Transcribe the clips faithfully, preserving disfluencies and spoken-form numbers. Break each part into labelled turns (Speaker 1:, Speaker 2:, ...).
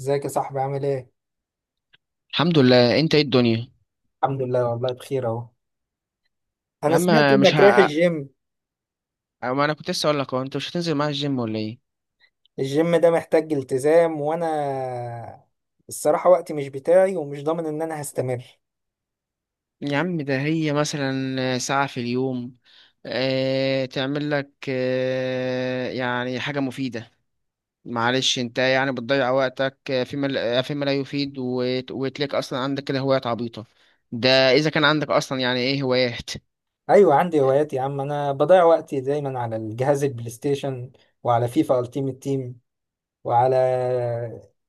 Speaker 1: ازيك يا صاحبي عامل ايه؟
Speaker 2: الحمد لله، انت ايه الدنيا؟
Speaker 1: الحمد لله والله بخير اهو.
Speaker 2: يا
Speaker 1: انا سمعت
Speaker 2: عم، مش
Speaker 1: انك رايح
Speaker 2: ه...
Speaker 1: الجيم.
Speaker 2: ما انا كنت لسه اقول لك، اهو انت مش هتنزل معايا الجيم ولا ايه؟
Speaker 1: الجيم ده محتاج التزام، وانا الصراحة وقتي مش بتاعي ومش ضامن ان انا هستمر.
Speaker 2: يا عم، ده هي مثلا ساعة في اليوم اه... تعمل لك اه... يعني حاجة مفيدة. معلش، انت يعني بتضيع وقتك آه، فيما لا- آه، فيما لا يفيد وت... وتلاقي اصلا عندك كده هوايات عبيطة. ده اذا كان عندك اصلا، يعني ايه هوايات؟
Speaker 1: ايوه، عندي هوايات يا عم. انا بضيع وقتي دايما على الجهاز البلاي ستيشن، وعلى فيفا التيمت تيم، وعلى...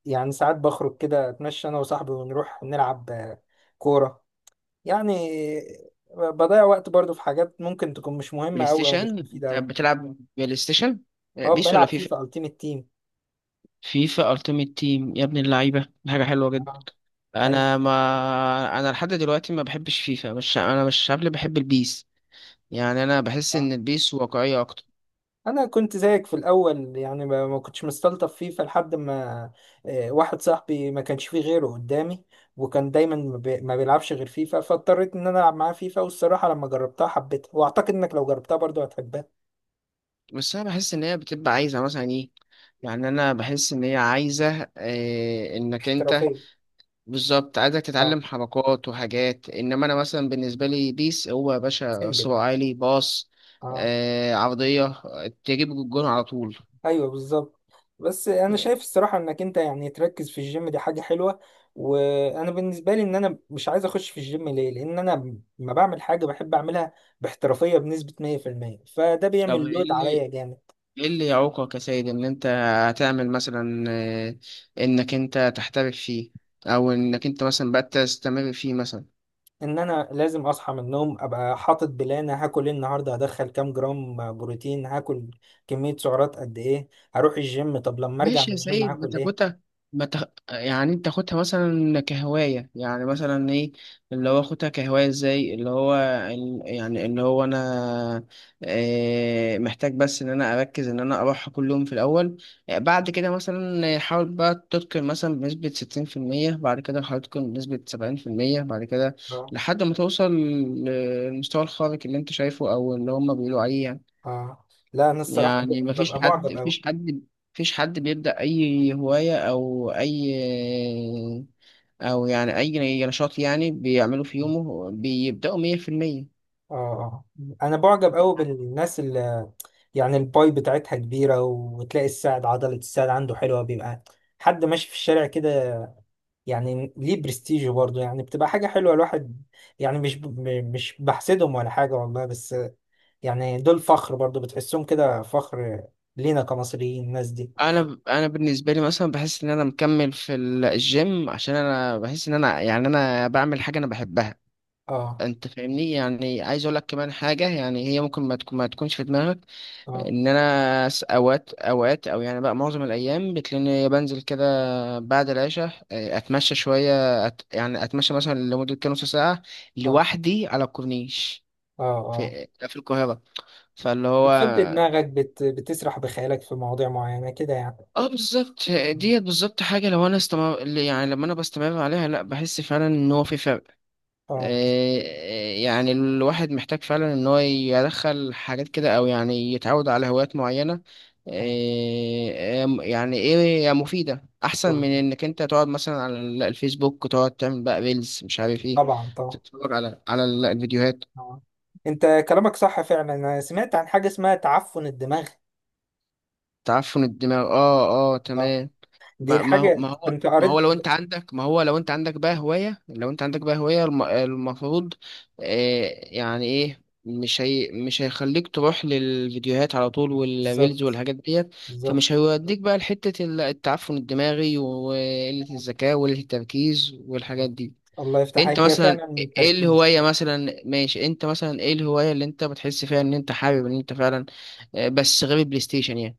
Speaker 1: يعني ساعات بخرج كده اتمشى انا وصاحبي ونروح نلعب آه، كورة. يعني بضيع وقت برضو في حاجات ممكن تكون مش
Speaker 2: بلاي
Speaker 1: مهمة اوي او مش
Speaker 2: ستيشن؟
Speaker 1: مفيدة
Speaker 2: انت
Speaker 1: اوي.
Speaker 2: بتلعب بلاي ستيشن اه،
Speaker 1: اه،
Speaker 2: بيس ولا
Speaker 1: بلعب
Speaker 2: فيفا؟
Speaker 1: فيفا التيمت تيم.
Speaker 2: فيفا التيمت تيم، يا ابن اللعيبة! دي حاجة حلوة.
Speaker 1: ايوه
Speaker 2: انا، ما انا لحد دلوقتي ما بحبش فيفا. مش انا مش شاب اللي بحب البيس. يعني انا بحس
Speaker 1: صح.
Speaker 2: ان البيس واقعيه اكتر.
Speaker 1: انا كنت زيك في الاول، يعني ما ما كنتش مستلطف فيه، فلحد ما آه، واحد صاحبي ما كانش فيه غيره قدامي، وكان دايما ما بي- ما بيلعبش غير فيفا، فاضطريت ان انا العب معاه فيفا. والصراحه لما جربتها حبيتها، واعتقد انك لو جربتها برضه هتحبها.
Speaker 2: بس انا بحس ان هي بتبقى عايزه مثلا ايه، يعني انا بحس ان هي عايزه إيه، انك انت...
Speaker 1: احترافيه.
Speaker 2: بالظبط، عايزك
Speaker 1: اه،
Speaker 2: تتعلم حركات وحاجات. انما انا مثلا بالنسبه لي، بيس هو يا باشا
Speaker 1: سيمبل.
Speaker 2: صراع عالي باص.
Speaker 1: اه،
Speaker 2: آه عرضيه، تجيب الجون على طول.
Speaker 1: ايوه بالظبط. بس انا شايف الصراحه انك انت يعني تركز في الجيم، دي حاجه حلوه. وانا بالنسبه لي ان انا مش عايز اخش في الجيم، ليه؟ لان انا ما بعمل حاجه بحب اعملها باحترافيه بنسبه مية في المية، فده
Speaker 2: طب
Speaker 1: بيعمل
Speaker 2: ايه
Speaker 1: لود عليا
Speaker 2: اللي
Speaker 1: جامد.
Speaker 2: ايه اللي يعوقك يا سيد، ان انت هتعمل مثلا آه، انك انت تحترف فيه، او انك انت مثلا بقى تستمر فيه مثلا.
Speaker 1: ان انا لازم اصحى من النوم ابقى حاطط بلان، هاكل ايه النهارده، هدخل كام جرام بروتين، هاكل كميه سعرات قد ايه، هروح الجيم، طب لما ارجع
Speaker 2: ماشي
Speaker 1: من
Speaker 2: يا
Speaker 1: الجيم
Speaker 2: سيد،
Speaker 1: هاكل ايه.
Speaker 2: بتاخدها بتخ... يعني انت تاخدها مثلا كهواية. يعني مثلا ايه اللي هو اخدها كهواية؟ ازاي؟ اللي هو ال- يعني اللي هو انا اه محتاج بس ان انا اركز ان انا اروحها كل يوم في الاول. آه، بعد كده مثلا حاول بقى تتقن مثلا بنسبة ستين في المية، بعد كده حاول تتقن بنسبة سبعين في المية، بعد كده
Speaker 1: اه
Speaker 2: لحد ما توصل للمستوى الخارق اللي انت شايفه او اللي هما بيقولوا عليه يعني.
Speaker 1: اه، لا انا الصراحه
Speaker 2: يعني مفيش
Speaker 1: ببقى
Speaker 2: حد
Speaker 1: معجب قوي.
Speaker 2: مفيش حد مفيش حد بيبدأ أي هواية أو أي أو يعني أي نشاط يعني بيعمله في يومه بيبدأوا مية في المية.
Speaker 1: اه آه. انا بعجب قوي بالناس اللي يعني الباي بتاعتها كبيره، وتلاقي الساعد عضله الساعد عنده حلوه، بيبقى حد ماشي في الشارع كده، يعني ليه برستيج برضه، يعني بتبقى حاجه حلوه. الواحد يعني مش ب... م- مش بحسدهم ولا حاجه والله، بس يعني دول فخر برضه، بتحسهم كده فخر لينا كمصريين الناس دي.
Speaker 2: أنا أنا بالنسبة لي مثلا بحس إن أنا مكمل في ال- الجيم، عشان أنا بحس إن أنا يعني أنا بعمل حاجة أنا بحبها.
Speaker 1: اه،
Speaker 2: أنت فاهمني، يعني عايز أقول لك كمان حاجة، يعني هي ممكن ما تكون ما تكونش في دماغك.
Speaker 1: اه،
Speaker 2: ان انا س- اوقات اوقات او يعني بقى معظم الايام بتلاقيني بنزل كده بعد العشاء آه، اتمشى شويه أت... يعني اتمشى مثلا لمده كام نص ساعه
Speaker 1: اه،
Speaker 2: لوحدي على الكورنيش،
Speaker 1: اه، اه.
Speaker 2: في في القاهره. فاللي هو
Speaker 1: بتفضي دماغك بت... بتسرح بخيالك في مواضيع معينه كده يعني.
Speaker 2: اه بالظبط ديت، بالظبط حاجه لو انا استمر، يعني لما انا بستمر عليها، لا، بحس فعلا ان هو في فرق.
Speaker 1: اه
Speaker 2: آه، آه، يعني الواحد محتاج فعلا ان هو يدخل حاجات كده، او يعني يتعود على هوايات معينة،
Speaker 1: آه.
Speaker 2: إيه، يعني ايه مفيدة، احسن من انك انت تقعد مثلا على الفيسبوك، تقعد تعمل بقى ريلز مش عارف ايه،
Speaker 1: طبعا طبعا.
Speaker 2: تتفرج على على الفيديوهات.
Speaker 1: آه. انت كلامك صح فعلا، انا سمعت عن حاجه اسمها تعفن الدماغ.
Speaker 2: تعفن الدماغ، اه. اه،
Speaker 1: اه،
Speaker 2: تمام.
Speaker 1: دي
Speaker 2: ما ما هو
Speaker 1: الحاجه
Speaker 2: ما هو
Speaker 1: كنت
Speaker 2: ما هو
Speaker 1: قريت.
Speaker 2: لو انت عندك، ما هو لو انت عندك بقى هواية، لو انت عندك بقى هواية الم- المفروض آه يعني ايه، مش هي مش هيخليك تروح للفيديوهات على طول والريلز
Speaker 1: بالظبط
Speaker 2: والحاجات ديت.
Speaker 1: بالظبط.
Speaker 2: فمش هيوديك بقى لحتة ال- التعفن الدماغي وقلة
Speaker 1: آه.
Speaker 2: الذكاء وقلة التركيز والحاجات دي.
Speaker 1: الله يفتح
Speaker 2: انت
Speaker 1: عليك، هي
Speaker 2: مثلا
Speaker 1: فعلا
Speaker 2: ايه
Speaker 1: التركيز.
Speaker 2: الهواية مثلا؟ ماشي، انت مثلا ايه الهواية اللي انت بتحس فيها ان انت حابب ان انت فعلا، آه، بس غير البلاي ستيشن يعني؟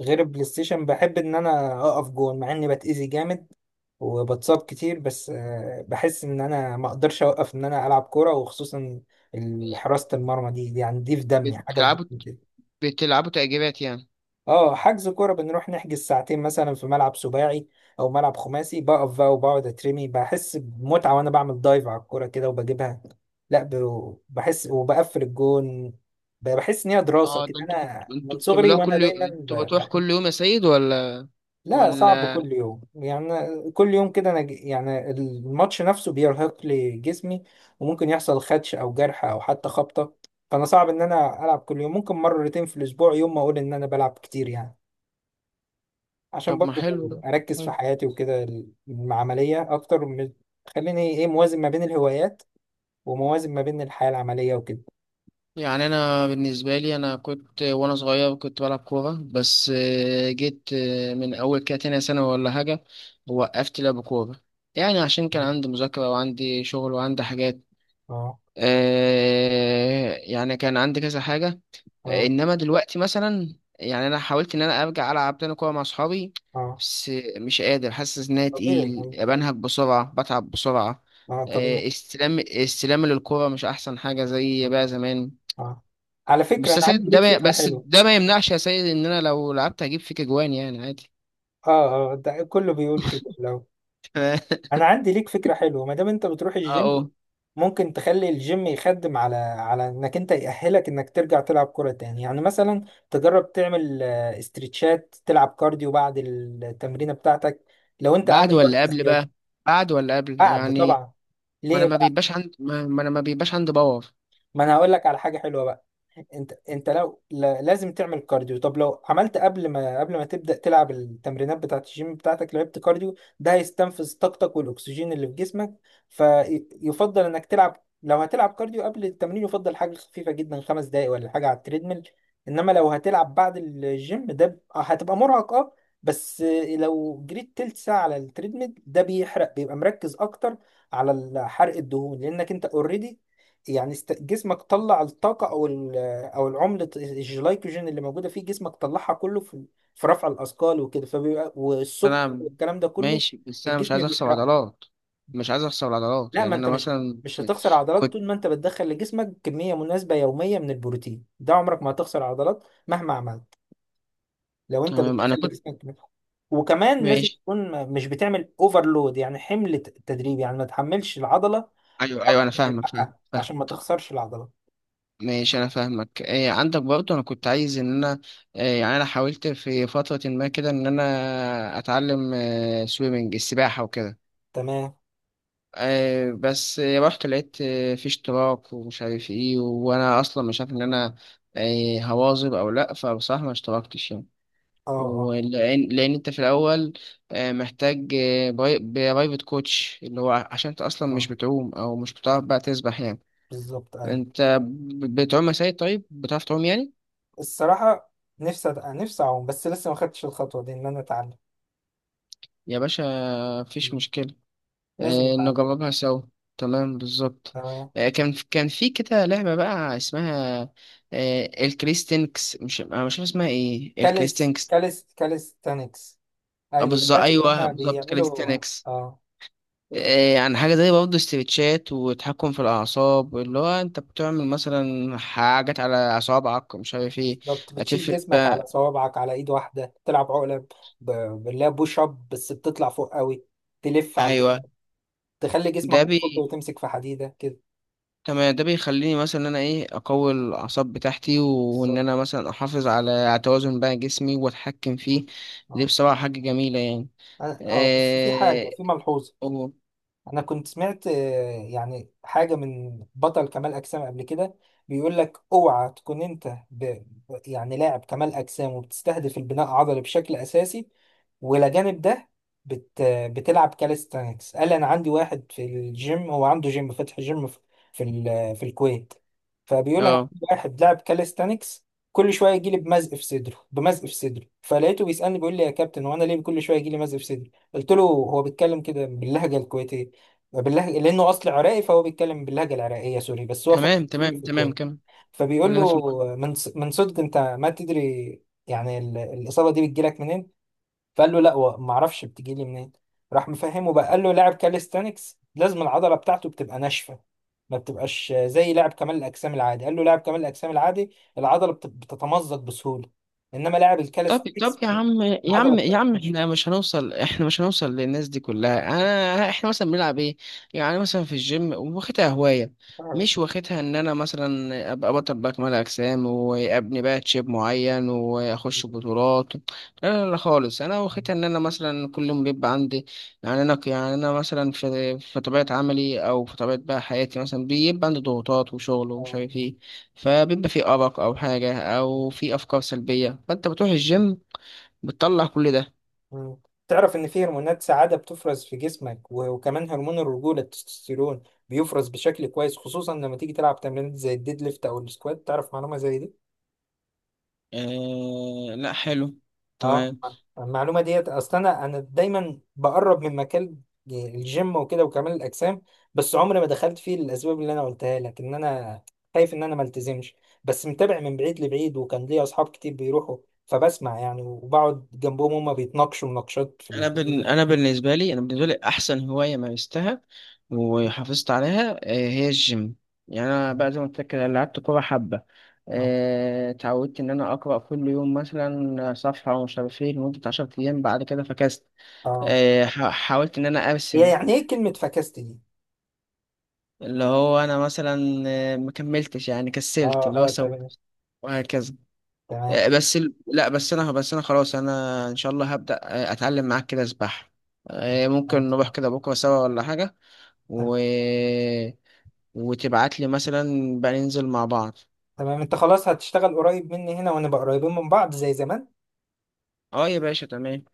Speaker 1: غير البلاي ستيشن، بحب ان انا اقف جون مع اني بتأذي جامد وبتصاب كتير. بس آه، بحس ان انا ما اقدرش اوقف ان انا العب كوره، وخصوصا ال- حراسه المرمى دي، دي يعني دي في دمي، حاجه في
Speaker 2: بتلعبوا
Speaker 1: دمي.
Speaker 2: بتلعبوا تأجيلات يعني؟
Speaker 1: اه، حجز كوره بنروح نحجز ساعتين مثلا في ملعب سباعي او ملعب خماسي، بقف بقى وبقعد اترمي، بحس بمتعه وانا بعمل دايف على الكوره كده وبجيبها. لا، ب- بحس وبقفل الجون. ب- بحس ان هي دراسه
Speaker 2: اه، ده
Speaker 1: كده،
Speaker 2: انتوا بت...
Speaker 1: انا من
Speaker 2: انتوا
Speaker 1: صغري
Speaker 2: بتعملوها
Speaker 1: وانا
Speaker 2: كل يوم؟
Speaker 1: دايما
Speaker 2: انتوا
Speaker 1: ب-
Speaker 2: بتروح
Speaker 1: بحب.
Speaker 2: كل يوم يا سيد ولا
Speaker 1: لا، صعب
Speaker 2: ولا؟
Speaker 1: كل يوم. يعني أنا كل يوم كده انا ج- يعني الماتش نفسه بيرهق لي جسمي، وممكن يحصل خدش او جرح او حتى خبطه، فانا صعب ان انا العب كل يوم. ممكن مرتين في الاسبوع، يوم ما اقول ان انا بلعب كتير يعني، عشان
Speaker 2: طب ما
Speaker 1: برضو
Speaker 2: حلو ده.
Speaker 1: اركز في
Speaker 2: حلو.
Speaker 1: حياتي وكده. العمليه اكتر من... خليني ايه، موازن ما بين الهوايات، وموازن ما بين الحياه العمليه وكده.
Speaker 2: يعني انا بالنسبه لي، انا كنت وانا صغير كنت بلعب كوره، بس آه، جيت آه، من اول كده تانية سنه ولا حاجه وقفت لعب كوره. يعني عشان كان عندي مذاكره وعندي شغل وعندي حاجات،
Speaker 1: اه،
Speaker 2: آه، يعني كان عندي كذا حاجة.
Speaker 1: اه،
Speaker 2: انما دلوقتي مثلا، يعني انا حاولت ان انا ارجع العب تاني كورة مع اصحابي،
Speaker 1: اه
Speaker 2: بس مش قادر، حاسس ان انا
Speaker 1: طبيعي
Speaker 2: تقيل،
Speaker 1: يعني.
Speaker 2: بنهج بسرعة، بتعب بسرعة.
Speaker 1: اه طبيعي.
Speaker 2: آه، استلام استلام للكورة مش احسن حاجة زي بقى زمان.
Speaker 1: اه، على فكره
Speaker 2: بس
Speaker 1: انا
Speaker 2: يا
Speaker 1: عندي
Speaker 2: سيد ده
Speaker 1: ليك
Speaker 2: ما
Speaker 1: فكره
Speaker 2: بس
Speaker 1: حلوه.
Speaker 2: ده ما يمنعش يا سيد، ان انا لو لعبت هجيب فيك اجوان يعني عادي.
Speaker 1: اه اه، ده كله بيقول كده. لو...
Speaker 2: اه،
Speaker 1: انا عندي ليك فكره حلوه، ما دام انت بتروح الجيم
Speaker 2: اه.
Speaker 1: ممكن تخلي الجيم يخدم على على انك انت يأهلك انك ترجع تلعب كرة تاني. يعني مثلا تجرب تعمل آه، استرتشات، تلعب كارديو بعد التمرينة بتاعتك لو انت
Speaker 2: بعد
Speaker 1: عندك
Speaker 2: ولا
Speaker 1: وقت
Speaker 2: قبل
Speaker 1: زيادة.
Speaker 2: بقى؟ بعد ولا قبل
Speaker 1: بعد
Speaker 2: يعني؟
Speaker 1: طبعا.
Speaker 2: ما انا
Speaker 1: ليه
Speaker 2: ما
Speaker 1: بقى؟
Speaker 2: بيبقاش عندي ما ما انا ما بيبقاش عندي باور.
Speaker 1: ما انا هقول لك على حاجة حلوة بقى. انت انت لو لا- لازم تعمل كارديو، طب لو عملت قبل ما قبل ما تبدأ تلعب التمرينات بتاعت الجيم بتاعتك، لعبت كارديو، ده هيستنفذ طاقتك والاكسجين اللي في جسمك. فيفضل انك تلعب، لو هتلعب كارديو قبل التمرين يفضل حاجة خفيفة جدا، خمس دقايق ولا حاجة على التريدميل. انما لو هتلعب بعد الجيم، ده ب- هتبقى مرهق. اه، بس لو جريت تلت ساعة على التريدميل، ده بيحرق، بيبقى مركز اكتر على حرق الدهون، لانك انت اوريدي يعني است- جسمك طلع الطاقة، او ال او العملة الجلايكوجين اللي موجودة في جسمك طلعها كله في في رفع الاثقال وكده، فبيبقى... والسكر
Speaker 2: انا
Speaker 1: والكلام ده كله
Speaker 2: ماشي، بس انا مش
Speaker 1: الجسم
Speaker 2: عايز اخسر
Speaker 1: بيحرقه.
Speaker 2: عضلات. مش عايز اخسر عضلات
Speaker 1: لا،
Speaker 2: يعني
Speaker 1: ما انت
Speaker 2: انا
Speaker 1: مش
Speaker 2: مثلا
Speaker 1: مش
Speaker 2: س-
Speaker 1: هتخسر عضلات
Speaker 2: كنت.
Speaker 1: طول ما انت بتدخل لجسمك كمية مناسبة يومية من البروتين. ده عمرك ما هتخسر عضلات مهما عملت، لو انت
Speaker 2: تمام، انا
Speaker 1: بتدخل
Speaker 2: كنت.
Speaker 1: لجسمك كمية. وكمان لازم
Speaker 2: ماشي.
Speaker 1: تكون م- مش بتعمل اوفرلود، يعني حمل ت- تدريبي، يعني ما تحملش العضلة
Speaker 2: ايوه، ايوه، انا
Speaker 1: اكتر من
Speaker 2: فاهمك، فاهم،
Speaker 1: حقها
Speaker 2: فاهم.
Speaker 1: عشان ما تخسرش العضلة.
Speaker 2: ماشي، انا فاهمك. إيه عندك برضه؟ انا كنت عايز ان انا إيه، يعني انا حاولت في فترة ما كده ان انا اتعلم، إيه، سويمنج، السباحة وكده.
Speaker 1: تمام.
Speaker 2: إيه، بس رحت لقيت، إيه، في اشتراك ومش عارف ايه، وانا اصلا مش عارف ان انا إيه هواظب او لا، فبصراحة ما اشتركتش يعني.
Speaker 1: اه، اه،
Speaker 2: ولأن لأن أنت في الأول آه، محتاج آه، باي- برايفت كوتش، اللي هو ع- عشان أنت أصلا مش
Speaker 1: اه
Speaker 2: بتعوم أو مش بتعرف بقى تسبح يعني.
Speaker 1: بالظبط، ايوه.
Speaker 2: أنت ب- بتعوم يا سيد؟ طيب بتعرف تعوم يعني؟
Speaker 1: الصراحة نفسي أت... نفسي أعوم، بس لسه ما خدتش الخطوة دي إن أنا أتعلم.
Speaker 2: يا باشا، مفيش
Speaker 1: مم.
Speaker 2: مشكلة.
Speaker 1: لازم
Speaker 2: آه،
Speaker 1: أتعلم.
Speaker 2: نجربها سوا. تمام، بالظبط.
Speaker 1: تمام.
Speaker 2: آه، كان كان في كده لعبة بقى اسمها، آه، الكريستينكس، مش أنا مش عارف اسمها إيه،
Speaker 1: كاليس
Speaker 2: الكريستينكس.
Speaker 1: كاليس كاليستانكس،
Speaker 2: آه،
Speaker 1: أيوة
Speaker 2: بالظبط،
Speaker 1: الناس اللي
Speaker 2: أيوه
Speaker 1: هم
Speaker 2: بالظبط،
Speaker 1: بيعملوا.
Speaker 2: كريستينكس.
Speaker 1: آه
Speaker 2: إيه، يعني حاجة زي برضه استرتشات وتحكم في الأعصاب، اللي هو أنت بتعمل مثلا حاجات على أصابعك ومش عارف إيه.
Speaker 1: بالظبط. بتشيل
Speaker 2: هتفرق
Speaker 1: جسمك على
Speaker 2: بقى.
Speaker 1: صوابعك، على إيد واحدة تلعب عقلة ب... ب- بالله، بوش أب بس بتطلع فوق قوي، تلف على البوش،
Speaker 2: أيوه.
Speaker 1: تخلي جسمك
Speaker 2: ده
Speaker 1: أفقي
Speaker 2: بي
Speaker 1: وتمسك في حديدة كده.
Speaker 2: تمام، ده بيخليني مثلا إن أنا إيه أقوي الأعصاب بتاعتي، وإن
Speaker 1: بالظبط.
Speaker 2: أنا مثلا أحافظ على على توازن بقى جسمي وأتحكم
Speaker 1: آه،
Speaker 2: فيه. دي
Speaker 1: آه،
Speaker 2: بصراحة حاجة جميلة يعني.
Speaker 1: أنا- آه، بس في حاجة،
Speaker 2: إيه؟
Speaker 1: في ملحوظة.
Speaker 2: أوه.
Speaker 1: انا كنت سمعت آه، يعني حاجه من بطل كمال اجسام قبل كده، بيقول لك: اوعى تكون انت ب... ب- يعني لاعب كمال اجسام وبتستهدف البناء العضلي بشكل اساسي، ولا جانب ده بت... بتلعب كاليستانكس. قال: انا عندي واحد في الجيم، هو عنده جيم فاتح، جيم في في, ال... في الكويت. فبيقول: انا
Speaker 2: أه،
Speaker 1: عندي واحد لاعب كاليستانكس، كل شويه يجي لي بمزق في صدره، بمزق في صدره. فلقيته بيسالني بيقول لي: يا كابتن، هو انا ليه كل شويه يجي لي مزق في صدري؟ قلت له، هو بيتكلم كده باللهجه الكويتيه بالله، لانه اصل عراقي فهو بيتكلم باللهجه العراقيه سوري، بس هو فاتح
Speaker 2: تمام،
Speaker 1: تيم
Speaker 2: تمام،
Speaker 1: في
Speaker 2: تمام،
Speaker 1: الكوره.
Speaker 2: كم
Speaker 1: فبيقول
Speaker 2: خلينا في
Speaker 1: له:
Speaker 2: المهم.
Speaker 1: من ص- من صدق انت ما تدري يعني ال- الاصابه دي بتجيلك منين؟ فقال له: لا و- ما اعرفش بتجيلي منين. راح مفهمه بقى، قال له: لاعب كاليستانكس لازم العضله بتاعته بتبقى ناشفه، ما بتبقاش زي لاعب كمال الاجسام العادي. قال له: لاعب كمال الاجسام العادي العضله بت- بتتمزق بسهوله، انما لاعب
Speaker 2: طب طب
Speaker 1: الكاليستانكس
Speaker 2: يا عم يا
Speaker 1: العضله
Speaker 2: عم يا
Speaker 1: بتاعته
Speaker 2: عم
Speaker 1: ناشفه.
Speaker 2: احنا مش هنوصل احنا مش هنوصل للناس دي كلها. انا احنا مثلا بنلعب ايه؟ يعني مثلا في الجيم واخدها هواية،
Speaker 1: آه.
Speaker 2: مش واخدها ان انا مثلا ابقى بطل بقى كمال اجسام وابني بقى تشيب معين واخش بطولات، لا. لا لا خالص، انا واخدها ان انا مثلا كل يوم بيبقى عندي، يعني انا يعني انا مثلا في في طبيعة عملي او في طبيعة بقى حياتي مثلا بيبقى عندي ضغوطات وشغل ومش
Speaker 1: آه.
Speaker 2: عارف ايه. فبيبقى في أرق أو حاجة أو في أفكار سلبية، فأنت بتروح الجيم بتطلع كل ده.
Speaker 1: مم. تعرف إن في هرمونات سعادة بتفرز في جسمك، و- وكمان هرمون الرجولة التستوستيرون بيفرز بشكل كويس، خصوصا لما تيجي تلعب تمرينات زي الديد ليفت أو السكوات. تعرف معلومة زي دي؟
Speaker 2: آه لا، حلو.
Speaker 1: اه،
Speaker 2: تمام.
Speaker 1: المعلومة ديت أصل أنا أنا دايما بقرب من مكان الجيم وكده وكمال الأجسام، بس عمري ما دخلت فيه للأسباب اللي أنا قلتها لك، إن أنا خايف إن أنا ما التزمش. بس متابع من بعيد لبعيد، وكان ليا أصحاب كتير بيروحوا، فبسمع يعني وبقعد جنبهم هما بيتناقشوا مناقشات في
Speaker 2: أنا
Speaker 1: الكلام
Speaker 2: بن...
Speaker 1: ده.
Speaker 2: أنا بالنسبة لي أنا بالنسبة لي أحسن هواية مارستها وحافظت عليها، آه هي الجيم. يعني أنا بقى زي ما قلت لك كده، لعبت كورة حبة،
Speaker 1: اه
Speaker 2: آه، اتعودت إن أنا أقرأ كل يوم مثلا صفحة ومش عارف إيه لمدة عشرة أيام، بعد كده فكست.
Speaker 1: آه.
Speaker 2: آه، ح- حاولت إن أنا
Speaker 1: هي
Speaker 2: أرسم،
Speaker 1: يعني ايه كلمة فكست دي؟
Speaker 2: اللي هو انا مثلا آه، ما كملتش، يعني كسلت،
Speaker 1: اه
Speaker 2: اللي هو
Speaker 1: اه،
Speaker 2: سو،
Speaker 1: تمام.
Speaker 2: وهكذا.
Speaker 1: تمام،
Speaker 2: آه، بس ال- لا، بس انا بس انا خلاص، انا ان شاء الله هبدأ آه، اتعلم معاك كده سباحة. آه،
Speaker 1: تمام،
Speaker 2: ممكن نروح كده بكرة سوا ولا حاجة. و... وتبعت لي مثلا، بقى ننزل مع بعض.
Speaker 1: تمام. انت خلاص هتشتغل قريب مني هنا، ونبقى قريبين من بعض زي زمان؟
Speaker 2: اه يا باشا، تمام.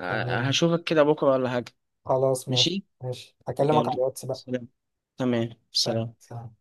Speaker 2: آه،
Speaker 1: تمام،
Speaker 2: هشوفك كده بكرة ولا حاجة.
Speaker 1: خلاص ماشي،
Speaker 2: ماشي،
Speaker 1: ماشي هكلمك على
Speaker 2: يلا،
Speaker 1: الواتس بقى.
Speaker 2: سلام. تمام،
Speaker 1: سلام،
Speaker 2: سلام.
Speaker 1: سلام.